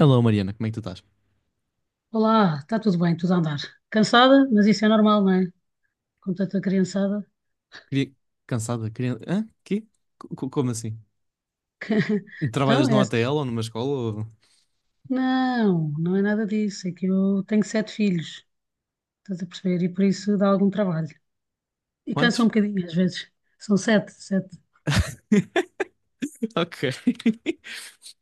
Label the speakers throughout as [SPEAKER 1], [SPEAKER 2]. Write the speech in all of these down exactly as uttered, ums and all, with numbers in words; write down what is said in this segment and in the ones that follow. [SPEAKER 1] Alô, Mariana, como é que tu estás?
[SPEAKER 2] Olá, está tudo bem, tudo a andar. Cansada, mas isso é normal, não é? Com tanta criançada.
[SPEAKER 1] Queria... Cansada? Queria... Hã? Quê? Co- co- Como assim? Trabalhas
[SPEAKER 2] Então, é...
[SPEAKER 1] numa
[SPEAKER 2] assim.
[SPEAKER 1] A T L ou numa escola? Ou...
[SPEAKER 2] Não, não é nada disso. É que eu tenho sete filhos, estás a perceber? E por isso dá algum trabalho. E cansa um
[SPEAKER 1] Quantos?
[SPEAKER 2] bocadinho, às vezes. São sete, sete.
[SPEAKER 1] Ok.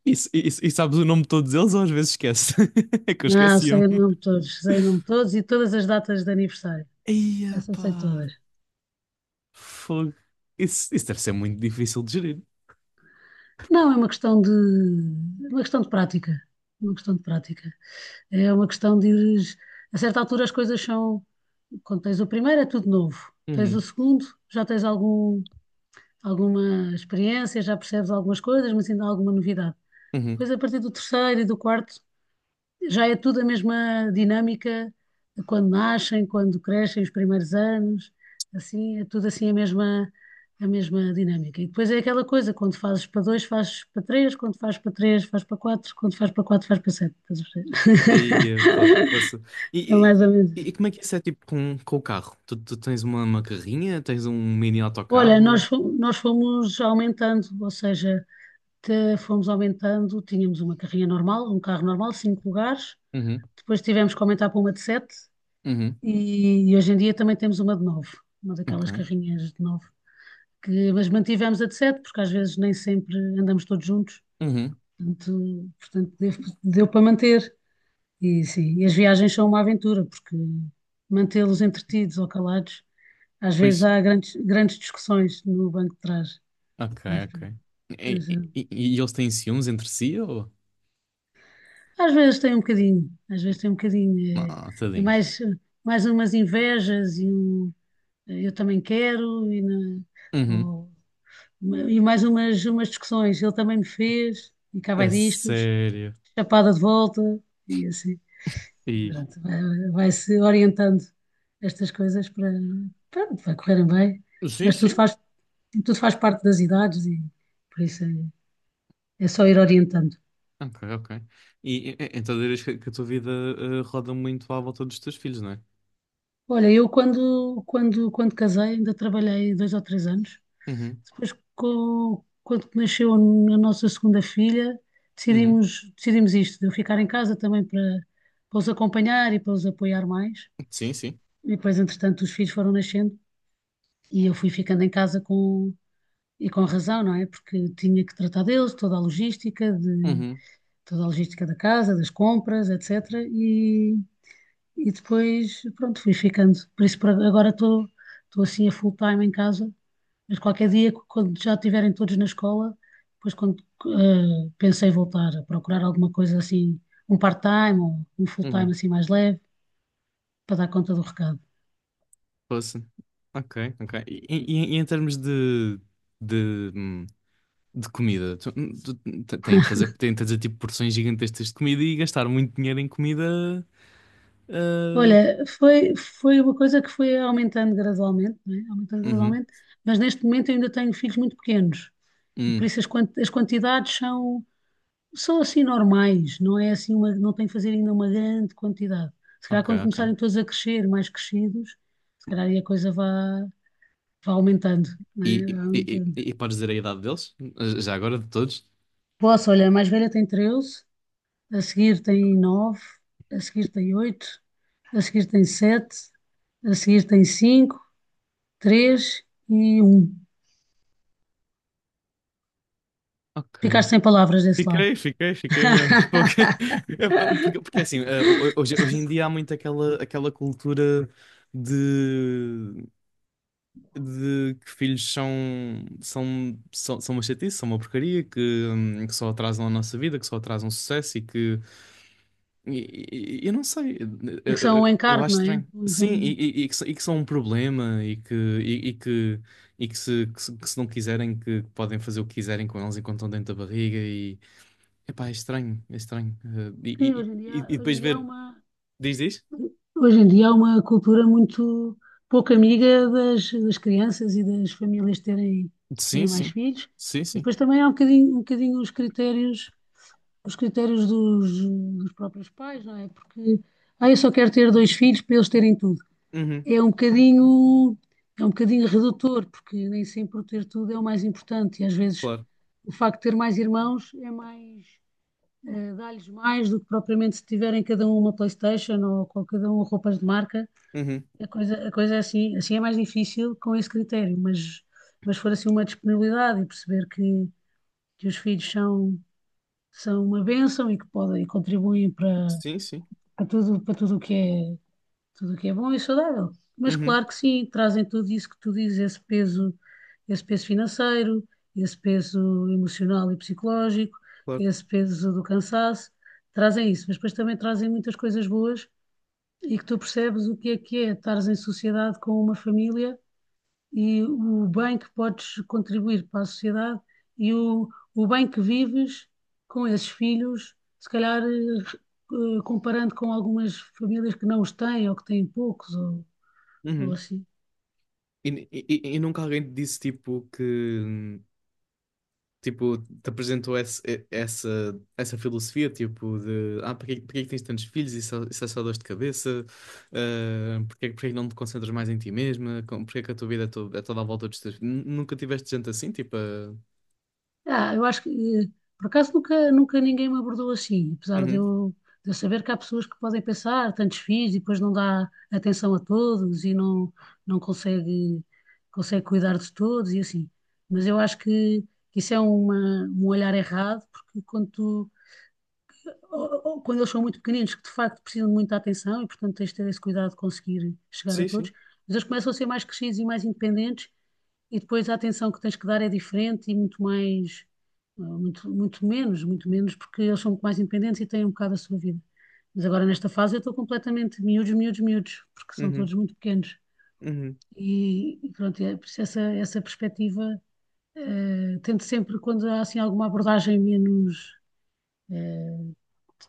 [SPEAKER 1] E, s- e s- e sabes o nome de todos eles ou às vezes esquece? É que eu
[SPEAKER 2] Não,
[SPEAKER 1] esquecia-me.
[SPEAKER 2] sei o nome de todos, sei o nome de todos e todas as datas de aniversário.
[SPEAKER 1] Eia,
[SPEAKER 2] Essa sei
[SPEAKER 1] pá.
[SPEAKER 2] todas.
[SPEAKER 1] Fogo. Isso, isso deve ser muito difícil de gerir.
[SPEAKER 2] Não, é uma questão de... é uma questão de prática. Uma questão de prática. É uma questão de ires. A certa altura as coisas são. Quando tens o primeiro é tudo novo. Tens o
[SPEAKER 1] Uhum.
[SPEAKER 2] segundo, já tens algum, alguma experiência, já percebes algumas coisas, mas ainda há alguma novidade.
[SPEAKER 1] Uhum.
[SPEAKER 2] Depois, a partir do terceiro e do quarto, já é tudo a mesma dinâmica de quando nascem, quando crescem, os primeiros anos, assim, é tudo assim a mesma, a mesma dinâmica. E depois é aquela coisa, quando fazes para dois, fazes para três, quando fazes para três, fazes para quatro, quando fazes para quatro, fazes para sete. Estás a
[SPEAKER 1] Eia, pá.
[SPEAKER 2] perceber?
[SPEAKER 1] Poça.
[SPEAKER 2] É mais ou
[SPEAKER 1] E, e-
[SPEAKER 2] menos.
[SPEAKER 1] e como é que isso é tipo com, com o carro? Tu, tu tens uma, uma carrinha? Tens um mini
[SPEAKER 2] Olha, nós,
[SPEAKER 1] autocarro?
[SPEAKER 2] fo- nós fomos aumentando, ou seja, te- fomos aumentando, tínhamos uma carrinha normal, um carro normal, cinco lugares,
[SPEAKER 1] Uhum.
[SPEAKER 2] depois tivemos que aumentar para uma de sete
[SPEAKER 1] Uhum.
[SPEAKER 2] e, e hoje em dia também temos uma de nove, uma
[SPEAKER 1] Ok.
[SPEAKER 2] daquelas carrinhas de nove, que, mas mantivemos a de sete porque às vezes nem sempre andamos todos juntos,
[SPEAKER 1] Uhum.
[SPEAKER 2] portanto, portanto deu, deu para manter. E sim, e as viagens são uma aventura, porque mantê-los entretidos ou calados, às vezes
[SPEAKER 1] Pois,
[SPEAKER 2] há grandes, grandes discussões no banco de trás,
[SPEAKER 1] ok,
[SPEAKER 2] mas
[SPEAKER 1] ok.
[SPEAKER 2] pronto.
[SPEAKER 1] E,
[SPEAKER 2] Mas,
[SPEAKER 1] e-
[SPEAKER 2] eh,
[SPEAKER 1] e- eles têm ciúmes entre si ou?
[SPEAKER 2] às vezes tem um bocadinho, às vezes tem um bocadinho. eh,
[SPEAKER 1] Ah,
[SPEAKER 2] É,
[SPEAKER 1] tadinhos.
[SPEAKER 2] mais, mais umas invejas e um eh, eu também quero e, na-
[SPEAKER 1] Uhum.
[SPEAKER 2] ou- e mais umas, umas discussões. Ele também me fez e cá vai
[SPEAKER 1] É
[SPEAKER 2] disto,
[SPEAKER 1] sério.
[SPEAKER 2] chapada de volta e assim. E
[SPEAKER 1] E...
[SPEAKER 2] pronto, vai, vai-se orientando estas coisas para, pronto, vai correrem bem,
[SPEAKER 1] Sim,
[SPEAKER 2] mas tudo
[SPEAKER 1] sim.
[SPEAKER 2] faz, tudo faz parte das idades e por isso é, é só ir orientando.
[SPEAKER 1] Ok, ok. E, e- e- então dirias que, que a tua vida eh, roda muito à volta dos teus filhos, não é?
[SPEAKER 2] Olha, eu quando, quando, quando casei ainda trabalhei dois ou três anos.
[SPEAKER 1] Uhum,
[SPEAKER 2] Depois, co- quando nasceu a nossa segunda filha,
[SPEAKER 1] uhum.
[SPEAKER 2] decidimos, decidimos isto, de eu ficar em casa também para, para os acompanhar e para os apoiar mais.
[SPEAKER 1] Sim, sim.
[SPEAKER 2] E depois, entretanto, os filhos foram nascendo e eu fui ficando em casa com, e com razão, não é? Porque tinha que tratar deles, toda a logística, de,
[SPEAKER 1] Uhum,
[SPEAKER 2] toda a logística da casa, das compras, etecetera. E depois, pronto, fui ficando. Por isso, por agora estou estou assim a full time em casa, mas qualquer dia, quando já estiverem todos na escola, depois quando eh, pensei voltar a procurar alguma coisa assim, um part-time ou um full-time
[SPEAKER 1] uhum.
[SPEAKER 2] assim mais leve, para dar conta do recado.
[SPEAKER 1] Posso. Ok, ok. E, e- e em termos de, de, hum, de comida, tu, tu, te- tem de fazer, tem de fazer tipo porções gigantescas de comida e gastar muito dinheiro em comida eh,
[SPEAKER 2] Olha, foi, foi uma coisa que foi aumentando gradualmente, não é? Aumentando
[SPEAKER 1] Uhum.
[SPEAKER 2] gradualmente, mas neste momento eu ainda tenho filhos muito pequenos, e por
[SPEAKER 1] Hum,
[SPEAKER 2] isso as, quan- as quantidades são, São assim normais, não é assim uma, não tem que fazer ainda uma grande quantidade. Se calhar
[SPEAKER 1] ok,
[SPEAKER 2] quando
[SPEAKER 1] ok.
[SPEAKER 2] começarem todos a crescer, mais crescidos, se calhar aí a coisa vá, vá aumentando, não é?
[SPEAKER 1] E,
[SPEAKER 2] Vá
[SPEAKER 1] e, e,
[SPEAKER 2] aumentando.
[SPEAKER 1] e- e podes dizer a idade deles? Já agora de todos?
[SPEAKER 2] Posso, olha, a mais velha tem treze, a seguir tem nove, a seguir tem oito, a seguir tem sete, a seguir tem cinco, três e um.
[SPEAKER 1] Ok.
[SPEAKER 2] Ficaste sem palavras desse lado.
[SPEAKER 1] Fiquei, fiquei, fiquei mesmo. Porque, porque, porque assim, eh, ho- hoje, hoje em dia há muito aquela, aquela cultura de, de que filhos são, são, são, são uma chatice, são uma porcaria, que, hum, que só atrasam a nossa vida, que só atrasam o sucesso e que E, e- e não sei,
[SPEAKER 2] E
[SPEAKER 1] eu,
[SPEAKER 2] que são um
[SPEAKER 1] eu- eu
[SPEAKER 2] encargo,
[SPEAKER 1] acho
[SPEAKER 2] não é?
[SPEAKER 1] estranho.
[SPEAKER 2] São-
[SPEAKER 1] Sim,
[SPEAKER 2] um
[SPEAKER 1] e,
[SPEAKER 2] encargo.
[SPEAKER 1] e- e que, s- e que são um problema e que, e, e que, e que, se, que, se, que se não quiserem, que podem fazer o que quiserem com eles enquanto estão dentro da barriga e... Epá, é estranho, é estranho. Eh,
[SPEAKER 2] Sim,
[SPEAKER 1] E,
[SPEAKER 2] hoje em
[SPEAKER 1] e, e, e
[SPEAKER 2] dia, hoje
[SPEAKER 1] depois
[SPEAKER 2] em dia há
[SPEAKER 1] ver...
[SPEAKER 2] uma,
[SPEAKER 1] Diz, diz?
[SPEAKER 2] hoje em dia há uma cultura muito pouco amiga das, das crianças e das famílias terem,
[SPEAKER 1] Sim,
[SPEAKER 2] terem mais
[SPEAKER 1] sim.
[SPEAKER 2] filhos.
[SPEAKER 1] Sim,
[SPEAKER 2] E
[SPEAKER 1] sim.
[SPEAKER 2] depois também há um bocadinho, um bocadinho os critérios, os critérios dos, dos próprios pais, não é? Porque, ah, eu só quero ter dois filhos para eles terem tudo.
[SPEAKER 1] Uhum,
[SPEAKER 2] É um bocadinho, é um bocadinho redutor, porque nem sempre o ter tudo é o mais importante. E às vezes
[SPEAKER 1] claro.
[SPEAKER 2] o facto de ter mais irmãos é mais, eh, dá-lhes mais do que propriamente se tiverem cada um uma PlayStation ou com cada um roupas de marca
[SPEAKER 1] Uhum.
[SPEAKER 2] a coisa, a coisa é assim, assim é mais difícil com esse critério, mas, mas for assim uma disponibilidade e perceber que, que os filhos são, são uma bênção e que podem e contribuem para,
[SPEAKER 1] Sim, sim.
[SPEAKER 2] para tudo, para tudo o que é, tudo o que é bom e saudável. Mas
[SPEAKER 1] Uhum,
[SPEAKER 2] claro que sim, trazem tudo isso que tu dizes, esse peso, esse peso financeiro, esse peso emocional e psicológico,
[SPEAKER 1] claro.
[SPEAKER 2] esse peso do cansaço, trazem isso, mas depois também trazem muitas coisas boas e que tu percebes o que é que é estares em sociedade com uma família e o bem que podes contribuir para a sociedade e o, o bem que vives com esses filhos, se calhar eh, eh, comparando com algumas famílias que não os têm ou que têm poucos ou, ou
[SPEAKER 1] Uhum.
[SPEAKER 2] assim.
[SPEAKER 1] E, e, e e nunca alguém te disse, tipo, que... hum, tipo, te apresentou esse, e- essa, essa filosofia, tipo, de ah, porque, porque é que tens tantos filhos? Isso, é isso é só dor de cabeça. Ah, porque, é que porque é que não te concentras mais em ti mesma? Com- Porque é que a tua vida é, to- é toda à volta dos teus filhos? Nu- Nunca tiveste gente assim, tipo, ah,
[SPEAKER 2] Ah, eu acho que, eh, por acaso, nunca, nunca ninguém me abordou assim, apesar de
[SPEAKER 1] Uhum,
[SPEAKER 2] eu, de eu saber que há pessoas que podem pensar, tantos filhos, e depois não dá atenção a todos e não, não consegue, consegue cuidar de todos e assim. Mas eu acho que, que isso é uma, um olhar errado, porque quando tu ou- ou quando eles são muito pequeninos, que de facto precisam de muita atenção e, portanto, tens de ter esse cuidado de conseguir chegar a
[SPEAKER 1] sim,
[SPEAKER 2] todos,
[SPEAKER 1] sim.
[SPEAKER 2] mas eles começam a ser mais crescidos e mais independentes e depois a atenção que tens que dar é diferente e muito mais, eh, muito, muito menos, muito menos, porque eles são muito mais independentes e têm um bocado a sua vida. Mas agora nesta fase eu estou completamente miúdos, miúdos, miúdos, porque são
[SPEAKER 1] Uhum,
[SPEAKER 2] todos muito pequenos.
[SPEAKER 1] uhum,
[SPEAKER 2] E, e pronto, é, por isso essa, essa perspectiva, eh, tento sempre, quando há assim alguma abordagem menos eh,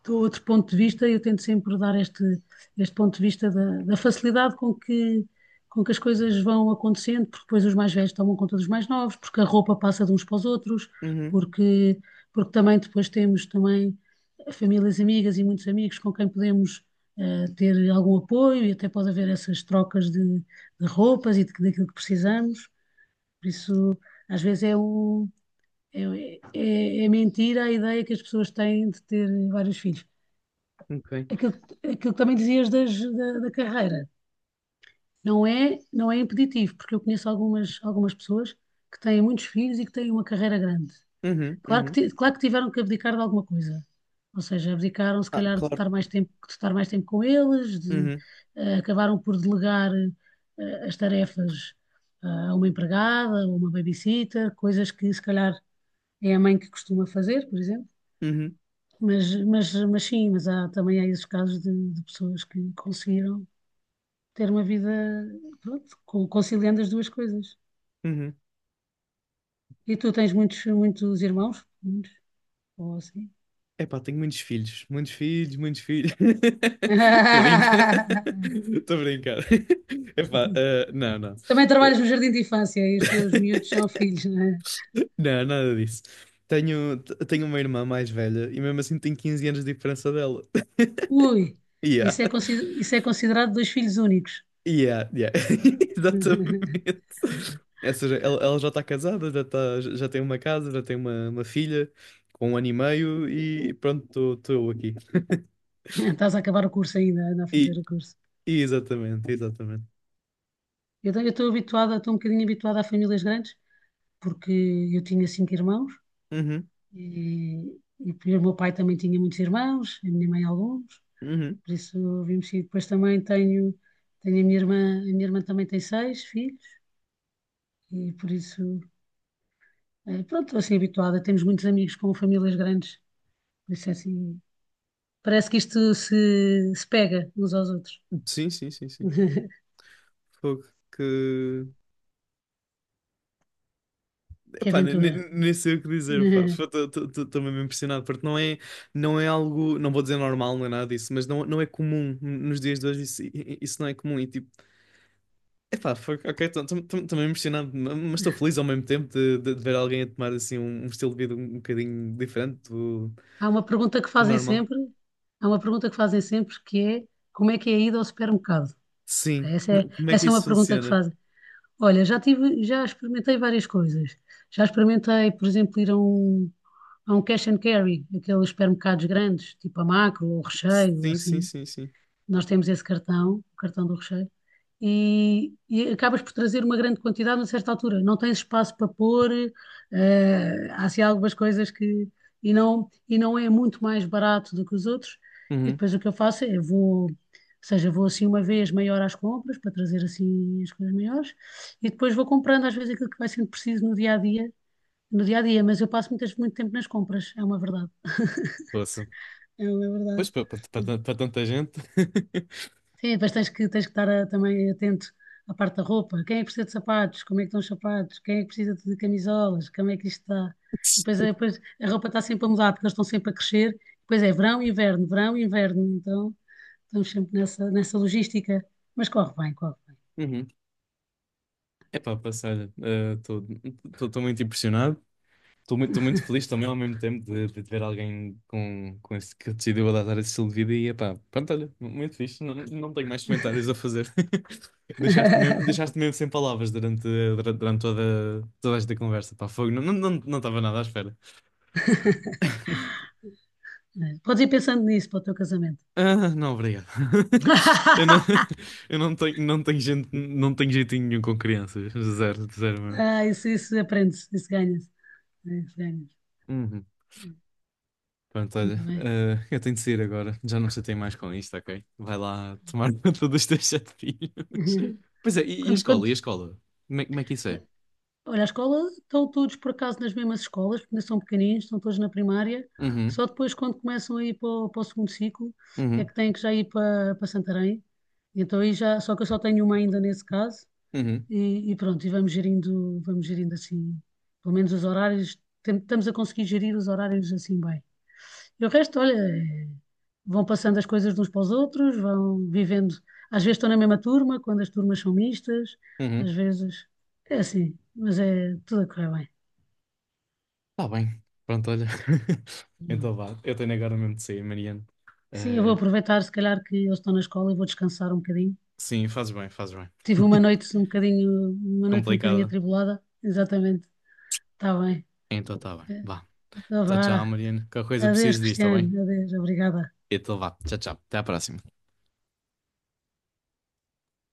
[SPEAKER 2] do outro ponto de vista, eu tento sempre dar este, este ponto de vista da, da facilidade com que, com que as coisas vão acontecendo, porque depois os mais velhos tomam conta dos mais novos, porque a roupa passa de uns para os outros,
[SPEAKER 1] uhum,
[SPEAKER 2] porque, porque também depois temos também famílias amigas e muitos amigos com quem podemos eh, ter algum apoio e até pode haver essas trocas de, de roupas e de, daquilo que precisamos. Por isso, às vezes é um, é, é, é mentira a ideia que as pessoas têm de ter vários filhos
[SPEAKER 1] ok.
[SPEAKER 2] aquilo, que- aquilo que também dizias das- da, da carreira. Não é, não é impeditivo, porque eu conheço algumas, algumas pessoas que têm muitos filhos e que têm uma carreira grande.
[SPEAKER 1] Uhum,
[SPEAKER 2] Claro que,
[SPEAKER 1] uhum.
[SPEAKER 2] ti- claro que tiveram que abdicar de alguma coisa. Ou seja, abdicaram se
[SPEAKER 1] Ah,
[SPEAKER 2] calhar de
[SPEAKER 1] claro.
[SPEAKER 2] estar mais tempo, de estar mais tempo com eles, de,
[SPEAKER 1] Uhum,
[SPEAKER 2] eh, acabaram por delegar eh, as tarefas ah, a uma empregada, a uma babysitter, coisas que se calhar é a mãe que costuma fazer, por exemplo.
[SPEAKER 1] uhum,
[SPEAKER 2] Mas, mas, mas sim, mas há, também há esses casos de, de pessoas que conseguiram ter uma vida, pronto, co- conciliando as duas coisas.
[SPEAKER 1] uhum.
[SPEAKER 2] E tu tens muitos, muitos irmãos? Muitos? Ou assim?
[SPEAKER 1] Epá, tenho muitos filhos, muitos filhos, muitos filhos. Estou a brincar. Estou a brincar. Epá, ah, não, não.
[SPEAKER 2] Também trabalhas no jardim de infância e os teus miúdos são filhos, não é?
[SPEAKER 1] Não, nada disso. Tenho, t- tenho uma irmã mais velha e mesmo assim tenho quinze anos de diferença dela.
[SPEAKER 2] Ui,
[SPEAKER 1] Yeah,
[SPEAKER 2] isso é, consi- isso é considerado dois filhos únicos.
[SPEAKER 1] yeah, yeah. Exatamente. Ou seja, ela, ela já está casada, já, tá, já tem uma casa, já tem uma, uma filha com um ano e meio e pronto, estou eu aqui.
[SPEAKER 2] Estás a acabar o curso ainda, anda a fazer
[SPEAKER 1] E,
[SPEAKER 2] o curso.
[SPEAKER 1] e exatamente, exatamente.
[SPEAKER 2] Eu te- eu estou habituada, estou um bocadinho habituada a famílias grandes, porque eu tinha cinco irmãos
[SPEAKER 1] Uhum,
[SPEAKER 2] e, e o meu pai também tinha muitos irmãos, a minha mãe alguns.
[SPEAKER 1] uhum.
[SPEAKER 2] Por isso vimos sim. Depois também tenho, tenho a minha irmã, a minha irmã também tem seis filhos, e por isso, eh, pronto, estou assim habituada. Temos muitos amigos com famílias grandes, por isso é assim, parece que isto se, se pega uns aos outros.
[SPEAKER 1] Sim, sim, sim, sim. Fogo, que.
[SPEAKER 2] Que
[SPEAKER 1] Epá, ne- ne-
[SPEAKER 2] aventura!
[SPEAKER 1] nem sei o que dizer, pá. Estou mesmo impressionado, porque não é, não é algo, não vou dizer normal, não é nada disso, mas não, não é comum nos dias de hoje, isso, i- isso não é comum. E tipo, epá, fuck, ok, estou mesmo impressionado, ma- mas estou feliz ao mesmo tempo de, de- de ver alguém a tomar assim um, um estilo de vida um bocadinho diferente do,
[SPEAKER 2] Há uma pergunta que
[SPEAKER 1] do
[SPEAKER 2] fazem
[SPEAKER 1] normal.
[SPEAKER 2] sempre, há uma pergunta que fazem sempre que é como é que é a ida ao supermercado? Pá,
[SPEAKER 1] Sim,
[SPEAKER 2] Essa
[SPEAKER 1] como
[SPEAKER 2] é,
[SPEAKER 1] é, como é que
[SPEAKER 2] essa é
[SPEAKER 1] isso
[SPEAKER 2] uma pergunta que
[SPEAKER 1] funciona?
[SPEAKER 2] fazem. Olha, já tive, já experimentei várias coisas. Já experimentei, por exemplo, ir a um, há um cash and carry, aqueles supermercados grandes, tipo a Macro ou o Recheio, ou
[SPEAKER 1] Sim, sim,
[SPEAKER 2] assim.
[SPEAKER 1] sim, sim.
[SPEAKER 2] Nós temos esse cartão, o cartão do Recheio, e, e acabas por trazer uma grande quantidade a certa altura. Não tens espaço para pôr, eh, há assim algumas coisas que. E não, e não é muito mais barato do que os outros. E
[SPEAKER 1] Uhum.
[SPEAKER 2] depois o que eu faço é vou. Ou seja, vou assim uma vez maior às compras, para trazer assim as coisas maiores, e depois vou comprando às vezes aquilo que vai sendo preciso no dia a dia no dia a dia, mas eu passo muitas, muito tempo nas compras, é uma verdade.
[SPEAKER 1] Ouça.
[SPEAKER 2] É uma
[SPEAKER 1] Pois,
[SPEAKER 2] verdade.
[SPEAKER 1] para tanta gente.
[SPEAKER 2] Sim, depois tens que, tens que estar ah, também atento à parte da roupa. Quem é que precisa de sapatos? Como é que estão os sapatos? Quem é que precisa de camisolas? Como é que isto está? E depois, é- depois a roupa está sempre a mudar, porque eles estão sempre a crescer. Depois é verão, inverno, verão, inverno. Então estamos sempre nessa, nessa logística. Mas corre bem, corre bem.
[SPEAKER 1] Uhum. Epá, passa, olha, estou muito impressionado, estou muito, tô muito feliz também ao mesmo tempo de, de ver alguém com, com esse, que decidiu adotar esse estilo de vida e epá, pronto, olha, mu- muito fixe, não, não tenho mais comentários a fazer. Deixaste-me mesmo, deixaste-me mesmo sem palavras durante, durante, durante toda, toda esta conversa, pá, fogo, não estava não, não, não estava nada à espera.
[SPEAKER 2] É, podes ir pensando nisso para o teu casamento.
[SPEAKER 1] Ah, não, obrigado. Eu não, eu não tenho, não tenho gente, não tenho jeitinho nenhum com crianças, zero, zero
[SPEAKER 2] Ah, isso, isso aprende-se, isso ganha-se. É, isso ganha.
[SPEAKER 1] mesmo. Pronto,
[SPEAKER 2] Muito
[SPEAKER 1] olha,
[SPEAKER 2] bem.
[SPEAKER 1] eh, eu tenho de sair agora. Já não chatei mais com isto, ok? Vai lá tomar conta dos teus sete filhos. Pois é, e, e a
[SPEAKER 2] Quando,
[SPEAKER 1] escola? E
[SPEAKER 2] quando,
[SPEAKER 1] a escola? Como é, como é que isso é?
[SPEAKER 2] olha, a escola, estão todos por acaso nas mesmas escolas, porque ainda são pequeninos, estão todos na primária.
[SPEAKER 1] Uhum,
[SPEAKER 2] Só depois, quando começam a ir para o, para o segundo ciclo, é
[SPEAKER 1] uhum,
[SPEAKER 2] que têm que já ir para, para Santarém. Então aí já, só que eu só tenho uma ainda nesse caso.
[SPEAKER 1] uhum,
[SPEAKER 2] E, e pronto, e vamos gerindo, vamos gerindo assim, pelo menos os horários, tem- estamos a conseguir gerir os horários assim bem. E o resto, olha, é- vão passando as coisas de uns para os outros, vão vivendo. Às vezes estão na mesma turma, quando as turmas são mistas,
[SPEAKER 1] uhum.
[SPEAKER 2] às vezes é assim, mas é tudo a correr bem.
[SPEAKER 1] Tá bem. Pronto, olha. Então vá, eu tenho agora mesmo de sair, Mariano.
[SPEAKER 2] Sim, eu vou
[SPEAKER 1] Eh,
[SPEAKER 2] aproveitar, se calhar, que eles estão na escola e vou descansar um bocadinho.
[SPEAKER 1] sim, fazes bem, fazes bem.
[SPEAKER 2] Tive uma noite um bocadinho, uma noite um bocadinho
[SPEAKER 1] Complicado.
[SPEAKER 2] atribulada, exatamente. Está bem.
[SPEAKER 1] Então tá bem.
[SPEAKER 2] É,
[SPEAKER 1] Vá.
[SPEAKER 2] então
[SPEAKER 1] Tchau, tchau,
[SPEAKER 2] vá.
[SPEAKER 1] Mariano. Qualquer coisa
[SPEAKER 2] Adeus,
[SPEAKER 1] preciso disto, tá
[SPEAKER 2] Cristiano.
[SPEAKER 1] bem?
[SPEAKER 2] Adeus, obrigada.
[SPEAKER 1] Então vá. Tchau, tchau. Até à próxima.